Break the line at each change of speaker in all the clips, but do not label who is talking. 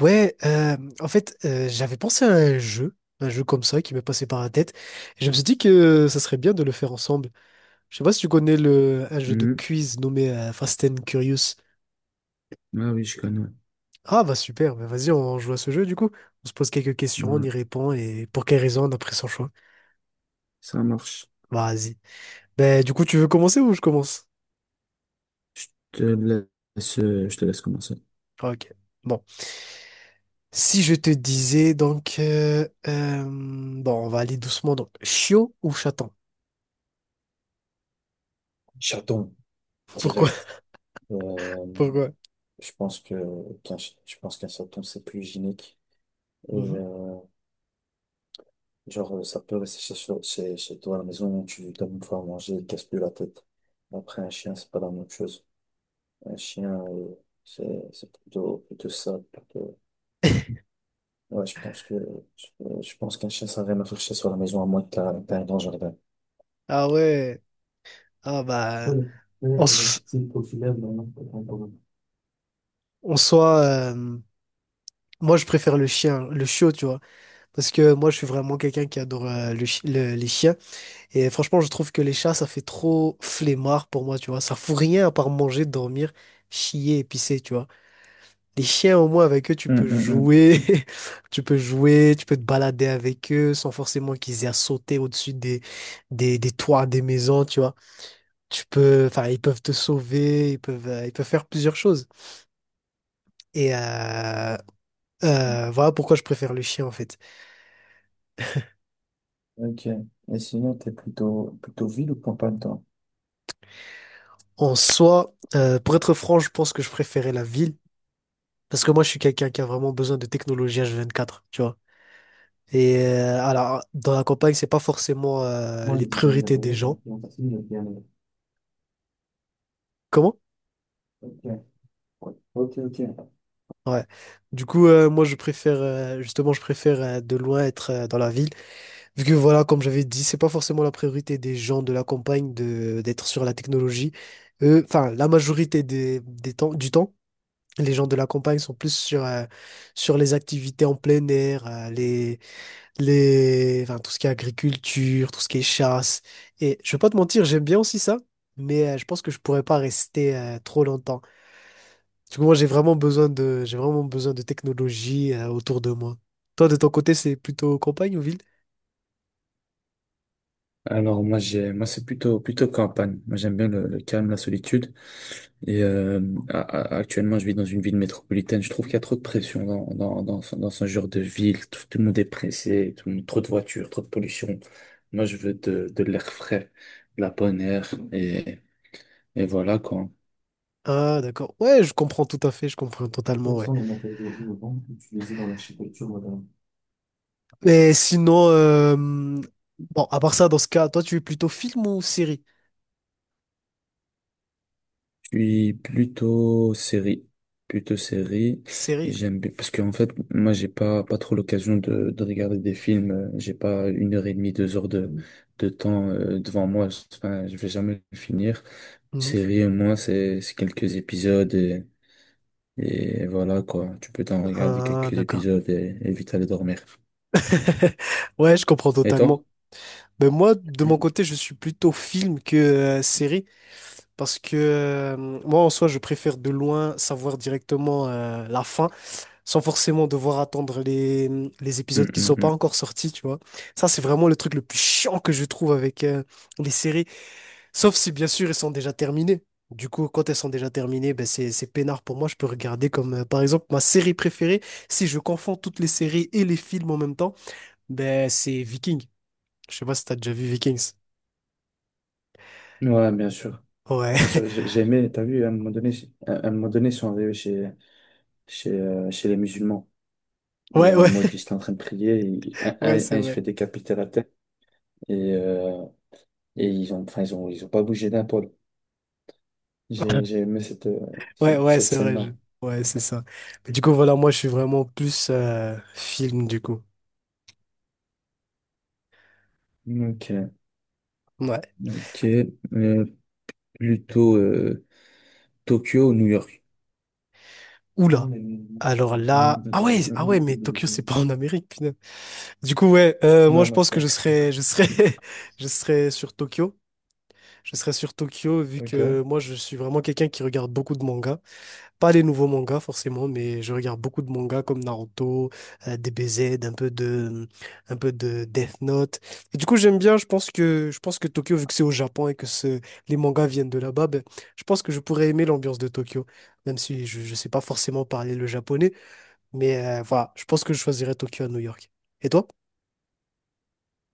Ouais, en fait, j'avais pensé à un jeu comme ça qui m'est passé par la tête. Et je me suis dit que ça serait bien de le faire ensemble. Je sais pas si tu connais un jeu de
Mhm.
quiz nommé Fast and Curious.
Ah oui, je connais.
Ah bah super, bah vas-y, on joue à ce jeu du coup. On se pose quelques questions, on
Ouais.
y répond et pour quelle raison on a pris son choix.
Ça marche.
Bah, vas-y. Ben du coup, tu veux commencer ou je commence?
Je te je te laisse commencer.
Ah, ok. Bon. Si je te disais donc, bon, on va aller doucement donc, chiot ou chaton?
Chaton,
Pourquoi?
direct. Euh,
Pourquoi?
je pense que je pense qu'un chaton, c'est plus hygiénique. Et
Mhm.
genre, ça peut rester chez toi à la maison, tu lui donnes une fois à manger, il casse plus la tête. Après, un chien, c'est pas la même chose. Un chien, c'est plutôt, plutôt sale. Ouais, je pense qu'un chien, ça n'a rien à faire chez soi à la maison, à moins que t'as un grand jardin.
Ah ouais. Ah bah
Oui, oui,
en,
le
s-
style populaire dans notre contemporain.
en soi, moi je préfère le chien, le chiot, tu vois, parce que moi je suis vraiment quelqu'un qui adore les chiens et franchement je trouve que les chats ça fait trop flemmard pour moi, tu vois, ça fout rien à part manger, dormir, chier et pisser, tu vois. Les chiens au moins avec eux tu
Hum,
peux
hum, hum.
jouer, tu peux jouer, tu peux te balader avec eux sans forcément qu'ils aient à sauter au-dessus des toits des maisons, tu vois. Enfin, ils peuvent te sauver, ils peuvent faire plusieurs choses. Et euh, voilà pourquoi je préfère le chien en fait.
Ok. Et sinon, t'es plutôt ville ou campagne, toi?
En soi, pour être franc, je pense que je préférais la ville parce que moi je suis quelqu'un qui a vraiment besoin de technologie H24, tu vois. Et alors dans la campagne, c'est pas forcément
Moi, le
les
design
priorités des
d'intérieur
gens.
influence aussi le bien.
Comment?
Ok, ouais. Ok, ok.
Ouais. Du coup, moi je préfère justement je préfère de loin être dans la ville vu que voilà comme j'avais dit, c'est pas forcément la priorité des gens de la campagne de d'être sur la technologie. Enfin, la majorité des temps, du temps. Les gens de la campagne sont plus sur les activités en plein air, enfin, tout ce qui est agriculture, tout ce qui est chasse. Et je vais pas te mentir, j'aime bien aussi ça, mais je pense que je pourrais pas rester trop longtemps. Du coup, moi, j'ai vraiment besoin de technologie autour de moi. Toi, de ton côté, c'est plutôt campagne ou ville?
Alors moi c'est plutôt campagne. Moi j'aime bien le calme, la solitude. Et actuellement je vis dans une ville métropolitaine. Je trouve qu'il y a trop de pression dans ce genre de ville. Tout le monde est pressé, trop de voitures, trop de pollution. Moi je veux de l'air frais, de la bonne air. Et voilà quoi.
Ah, d'accord. Ouais, je comprends tout à fait, je comprends totalement,
Quels
ouais.
sont les matériaux innovants utilisés dans l'architecture moderne?
Mais sinon, bon, à part ça, dans ce cas, toi, tu es plutôt film ou série?
Je suis plutôt série. Plutôt série.
Série.
J'aime bien, parce qu'en fait, moi, j'ai pas trop l'occasion de regarder des films. J'ai pas une heure et demie, 2 heures de temps devant moi. Enfin, je vais jamais le finir.
Mmh.
Série, au moins, c'est quelques épisodes et voilà, quoi. Tu peux t'en regarder
Ah,
quelques
d'accord.
épisodes et vite aller dormir.
Ouais, je comprends
Et
totalement.
toi?
Ben moi, de mon
Mm,
côté, je suis plutôt film que série parce que moi, en soi, je préfère de loin savoir directement la fin sans forcément devoir attendre les
mm,
épisodes qui sont pas
mm.
encore sortis, tu vois. Ça, c'est vraiment le truc le plus chiant que je trouve avec les séries, sauf si, bien sûr, elles sont déjà terminées. Du coup, quand elles sont déjà terminées, ben c'est peinard pour moi. Je peux regarder comme, par exemple, ma série préférée, si je confonds toutes les séries et les films en même temps. Ben, c'est Vikings. Je sais pas si t'as déjà vu Vikings.
Ouais, bien sûr.
Ouais.
Bien sûr, j'ai j'ai aimé, t'as vu, à un moment donné, ils sont arrivés chez les musulmans.
Ouais,
Et en
ouais,
mode, ils étaient en train de prier. Et
ouais, c'est
un, il se
vrai.
fait décapiter la tête. Et, euh, et enfin, ils ont pas bougé d'un poil. J'ai aimé cette, euh,
Ouais,
cette,
ouais,
cette
c'est vrai.
scène-là.
Ouais, c'est ça. Mais du coup, voilà, moi, je suis vraiment plus film, du coup.
Ok,
Ouais.
ok. Euh, plutôt, Tokyo ou New York? Comment?
Oula.
Mm,
Alors
mm, mm,
là. Ah ouais, ah ouais, mais Tokyo,
mm,
c'est
mm.
pas en Amérique, putain. Du coup, ouais, moi,
Non,
je
non,
pense que
c'est.
je serais sur Tokyo. Je serais sur Tokyo, vu
Ok.
que moi, je suis vraiment quelqu'un qui regarde beaucoup de mangas. Pas les nouveaux mangas forcément, mais je regarde beaucoup de mangas comme Naruto, DBZ, un peu de Death Note. Et du coup, j'aime bien. Je pense que Tokyo, vu que c'est au Japon et que les mangas viennent de là-bas, ben, je pense que je pourrais aimer l'ambiance de Tokyo, même si je ne sais pas forcément parler le japonais. Mais voilà, je pense que je choisirais Tokyo à New York. Et toi?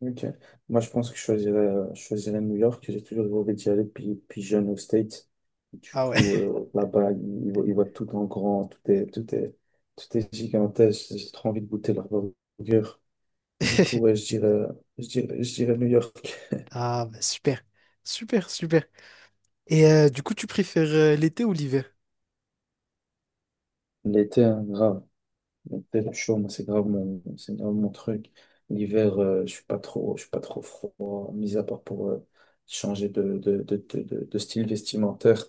Ok. Moi, je pense que je choisirais New York. J'ai toujours rêvé d'y aller depuis jeune aux States. Du
Ah ouais.
coup, là-bas, ils voient tout en grand, tout est gigantesque. J'ai trop envie de goûter leur burger. Du coup, ouais, je dirais New York.
Ah bah, super, super, super. Et du coup, tu préfères l'été ou l'hiver?
L'été, hein, grave. L'été, le chaud, moi, c'est grave mon truc. L'hiver, je suis pas trop froid, mis à part pour changer de style vestimentaire.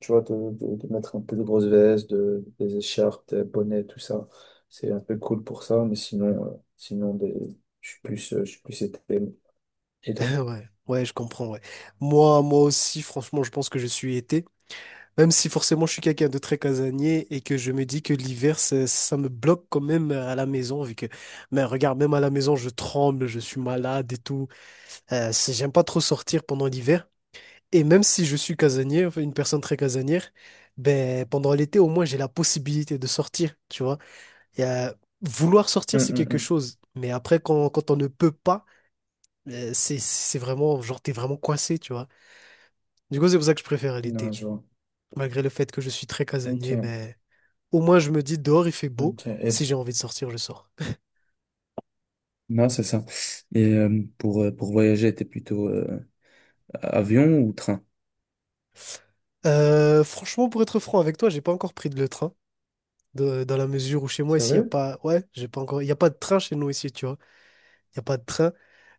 Tu vois, de mettre un peu de grosses vestes, des écharpes, des bonnets, tout ça. C'est un peu cool pour ça, mais sinon, je suis plus été. Et toi?
Ouais, ouais, je comprends, ouais. Moi, moi aussi, franchement, je pense que je suis été. Même si forcément je suis quelqu'un de très casanier et que je me dis que l'hiver, ça me bloque quand même à la maison, vu que, mais regarde, même à la maison, je tremble, je suis malade et tout. J'aime pas trop sortir pendant l'hiver. Et même si je suis casanier, enfin, une personne très casanière, ben, pendant l'été, au moins, j'ai la possibilité de sortir, tu vois. Et, euh, vouloir sortir,
Hum,
c'est
hum,
quelque
hum.
chose. Mais après, quand on ne peut pas, c'est vraiment, genre, t'es vraiment coincé, tu vois. Du coup, c'est pour ça que je préfère
Non,
l'été.
je vois.
Malgré le fait que je suis très casanier,
Ok,
mais au moins je me dis dehors il fait beau.
ok.
Si j'ai envie de sortir, je sors.
Non, c'est ça. Et pour voyager, t'es plutôt avion ou train?
Franchement, pour être franc avec toi, j'ai pas encore pris de le train. Dans la mesure où chez moi, ici, il n'y a
Sérieux?
pas. Ouais, j'ai pas encore. Il n'y a pas de train chez nous ici, tu vois. Il n'y a pas de train.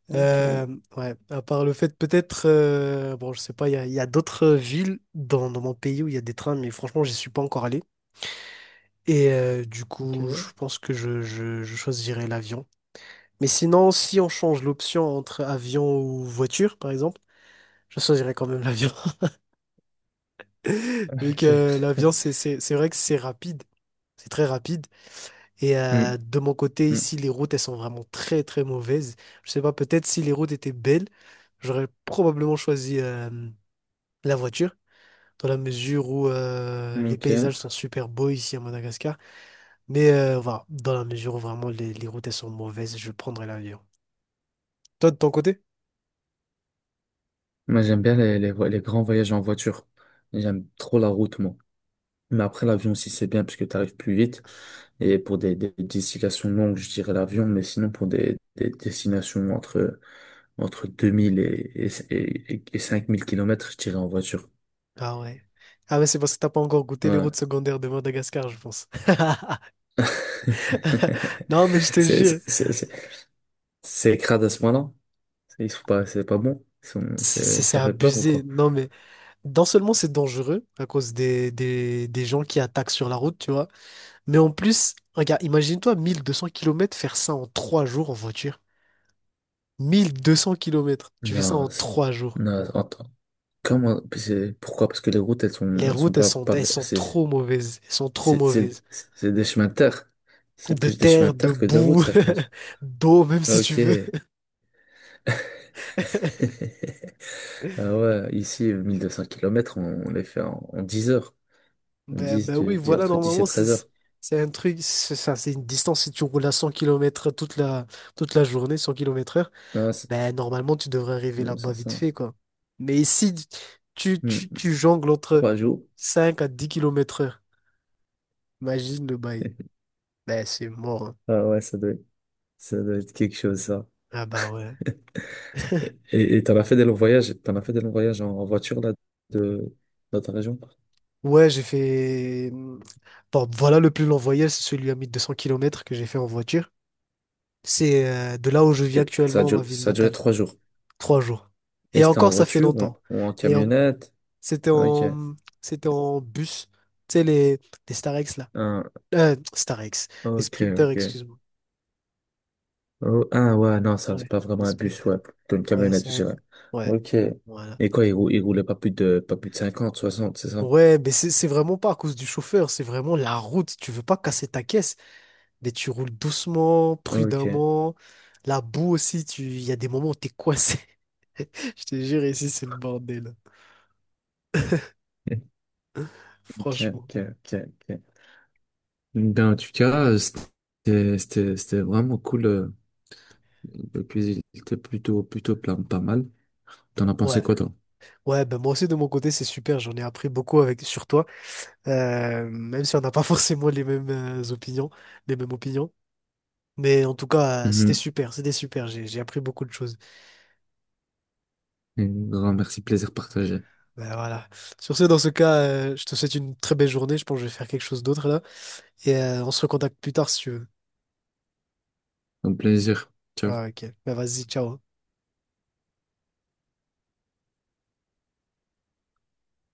Ok,
Euh, ouais, à part le fait, peut-être. Bon, je sais pas, il y a d'autres villes dans mon pays où il y a des trains, mais franchement, j'y suis pas encore allé. Du coup,
ok,
je pense que je choisirais l'avion. Mais sinon, si on change l'option entre avion ou voiture, par exemple, je choisirais quand même l'avion. Vu
ok.
que l'avion, c'est vrai que c'est rapide. C'est très rapide. Et
Hmm,
de mon côté, ici, les routes, elles sont vraiment très, très mauvaises. Je sais pas, peut-être si les routes étaient belles, j'aurais probablement choisi la voiture, dans la mesure où
hmm,
les
ok.
paysages sont super beaux ici à Madagascar. Mais voilà, dans la mesure où vraiment les routes, elles sont mauvaises, je prendrais l'avion. Toi, de ton côté?
Moi, j'aime bien les grands voyages en voiture. J'aime trop la route, moi. Mais après, l'avion aussi, c'est bien parce que tu arrives plus vite. Et pour des destinations longues, je dirais l'avion, mais sinon pour des destinations entre 2000 et 5000 kilomètres je dirais en voiture.
Ah ouais. Ah ouais, c'est parce que t'as pas encore goûté les routes
Ouais.
secondaires de Madagascar, je pense. Non, mais je te
C'est
jure,
c'est- c'est- c'est- c'est crade à ce point-là. C'est Ils sont pas, c'est pas bon.
c'est c'est- c'est
Ça fait peur ou
abusé.
quoi?
Non, mais non seulement c'est dangereux à cause des gens qui attaquent sur la route, tu vois, mais en plus, regarde, imagine-toi 1200 kilomètres faire ça en trois jours en voiture. 1200 kilomètres, tu fais ça en
Non,
trois jours.
non, attends. Comment, pourquoi? Parce que les routes, elles sont,
Les
elles sont
routes, elles
pas,
sont,
pas,
elles sont trop mauvaises. Elles sont trop
C'est c'est-
mauvaises.
c'est des chemins de terre. C'est
De
plus des chemins
terre,
de
de
terre que des routes,
boue,
ça, je pense.
d'eau, même si tu
Ok.
veux.
Ah ouais, ici, 1200 km, on les fait en 10 heures.
Bah, bah oui, voilà,
Entre 10 et
normalement, c'est,
13
c'est
heures.
c'est un truc, c'est ça, c'est une distance, si tu roules à 100 kilomètres toute la journée, 100 km/h,
Ah, c'est
bah, normalement, tu devrais arriver
non,
là-bas
c'est
vite
ça.
fait, quoi. Mais si tu,
Hmm.
tu, tu jongles entre
3 jours.
5 à 10 km/h, imagine le bail. Bah, c'est mort, hein.
Ah ouais, ça doit être quelque chose, ça.
Ah bah ouais.
Et t'en as fait des longs voyages en voiture, là, de, dans ta région?
Ouais, j'ai fait, bon, voilà le plus long voyage, c'est celui à 1200 kilomètres que j'ai fait en voiture. C'est de là où je vis
Et ça a
actuellement,
duré,
ma ville
ça a duré
natale.
3 jours.
Trois jours.
Et
Et
c'était en
encore, ça fait
voiture
longtemps.
ou en
Et en-
camionnette?
C'était
Ok.
en, c'était en bus. Tu sais, les Starex, là.
Ah,
Starex. Les
ok,
sprinters,
ok.
excuse-moi.
Oh, ah ouais, non, ça, c'est
Ouais,
pas vraiment
les
un bus,
sprinters.
ouais, plutôt une
Ouais,
camionnette,
c'est
je
un...
dirais.
Ouais,
Ok.
voilà.
Et quoi, il roulait pas plus de 50 60 c'est ça?
Ouais, mais c'est vraiment pas à cause du chauffeur, c'est vraiment la route. Tu veux pas casser ta caisse, mais tu roules doucement,
Ok.
prudemment. La boue aussi, tu... il y a des moments où t'es coincé. Je te jure, ici, c'est le bordel.
Ok,
Franchement.
ok, ok, ok. Ben, en tout cas, c'était vraiment cool. Et puis, il était plutôt plein, pas mal. T'en as
Ouais,
pensé quoi, toi?
ouais, ben moi aussi, de mon côté, c'est super. J'en ai appris beaucoup avec... sur toi. Même si on n'a pas forcément les mêmes opinions, les mêmes opinions. Mais en tout cas, c'était
Mhm.
super, c'était super. J'ai appris beaucoup de choses.
Un grand merci, plaisir partagé.
Ben voilà. Sur ce, dans ce cas, je te souhaite une très belle journée. Je pense que je vais faire quelque chose d'autre là. On se recontacte plus tard si tu veux.
Au plaisir. Ciao.
Ah, ok. Ben vas-y, ciao.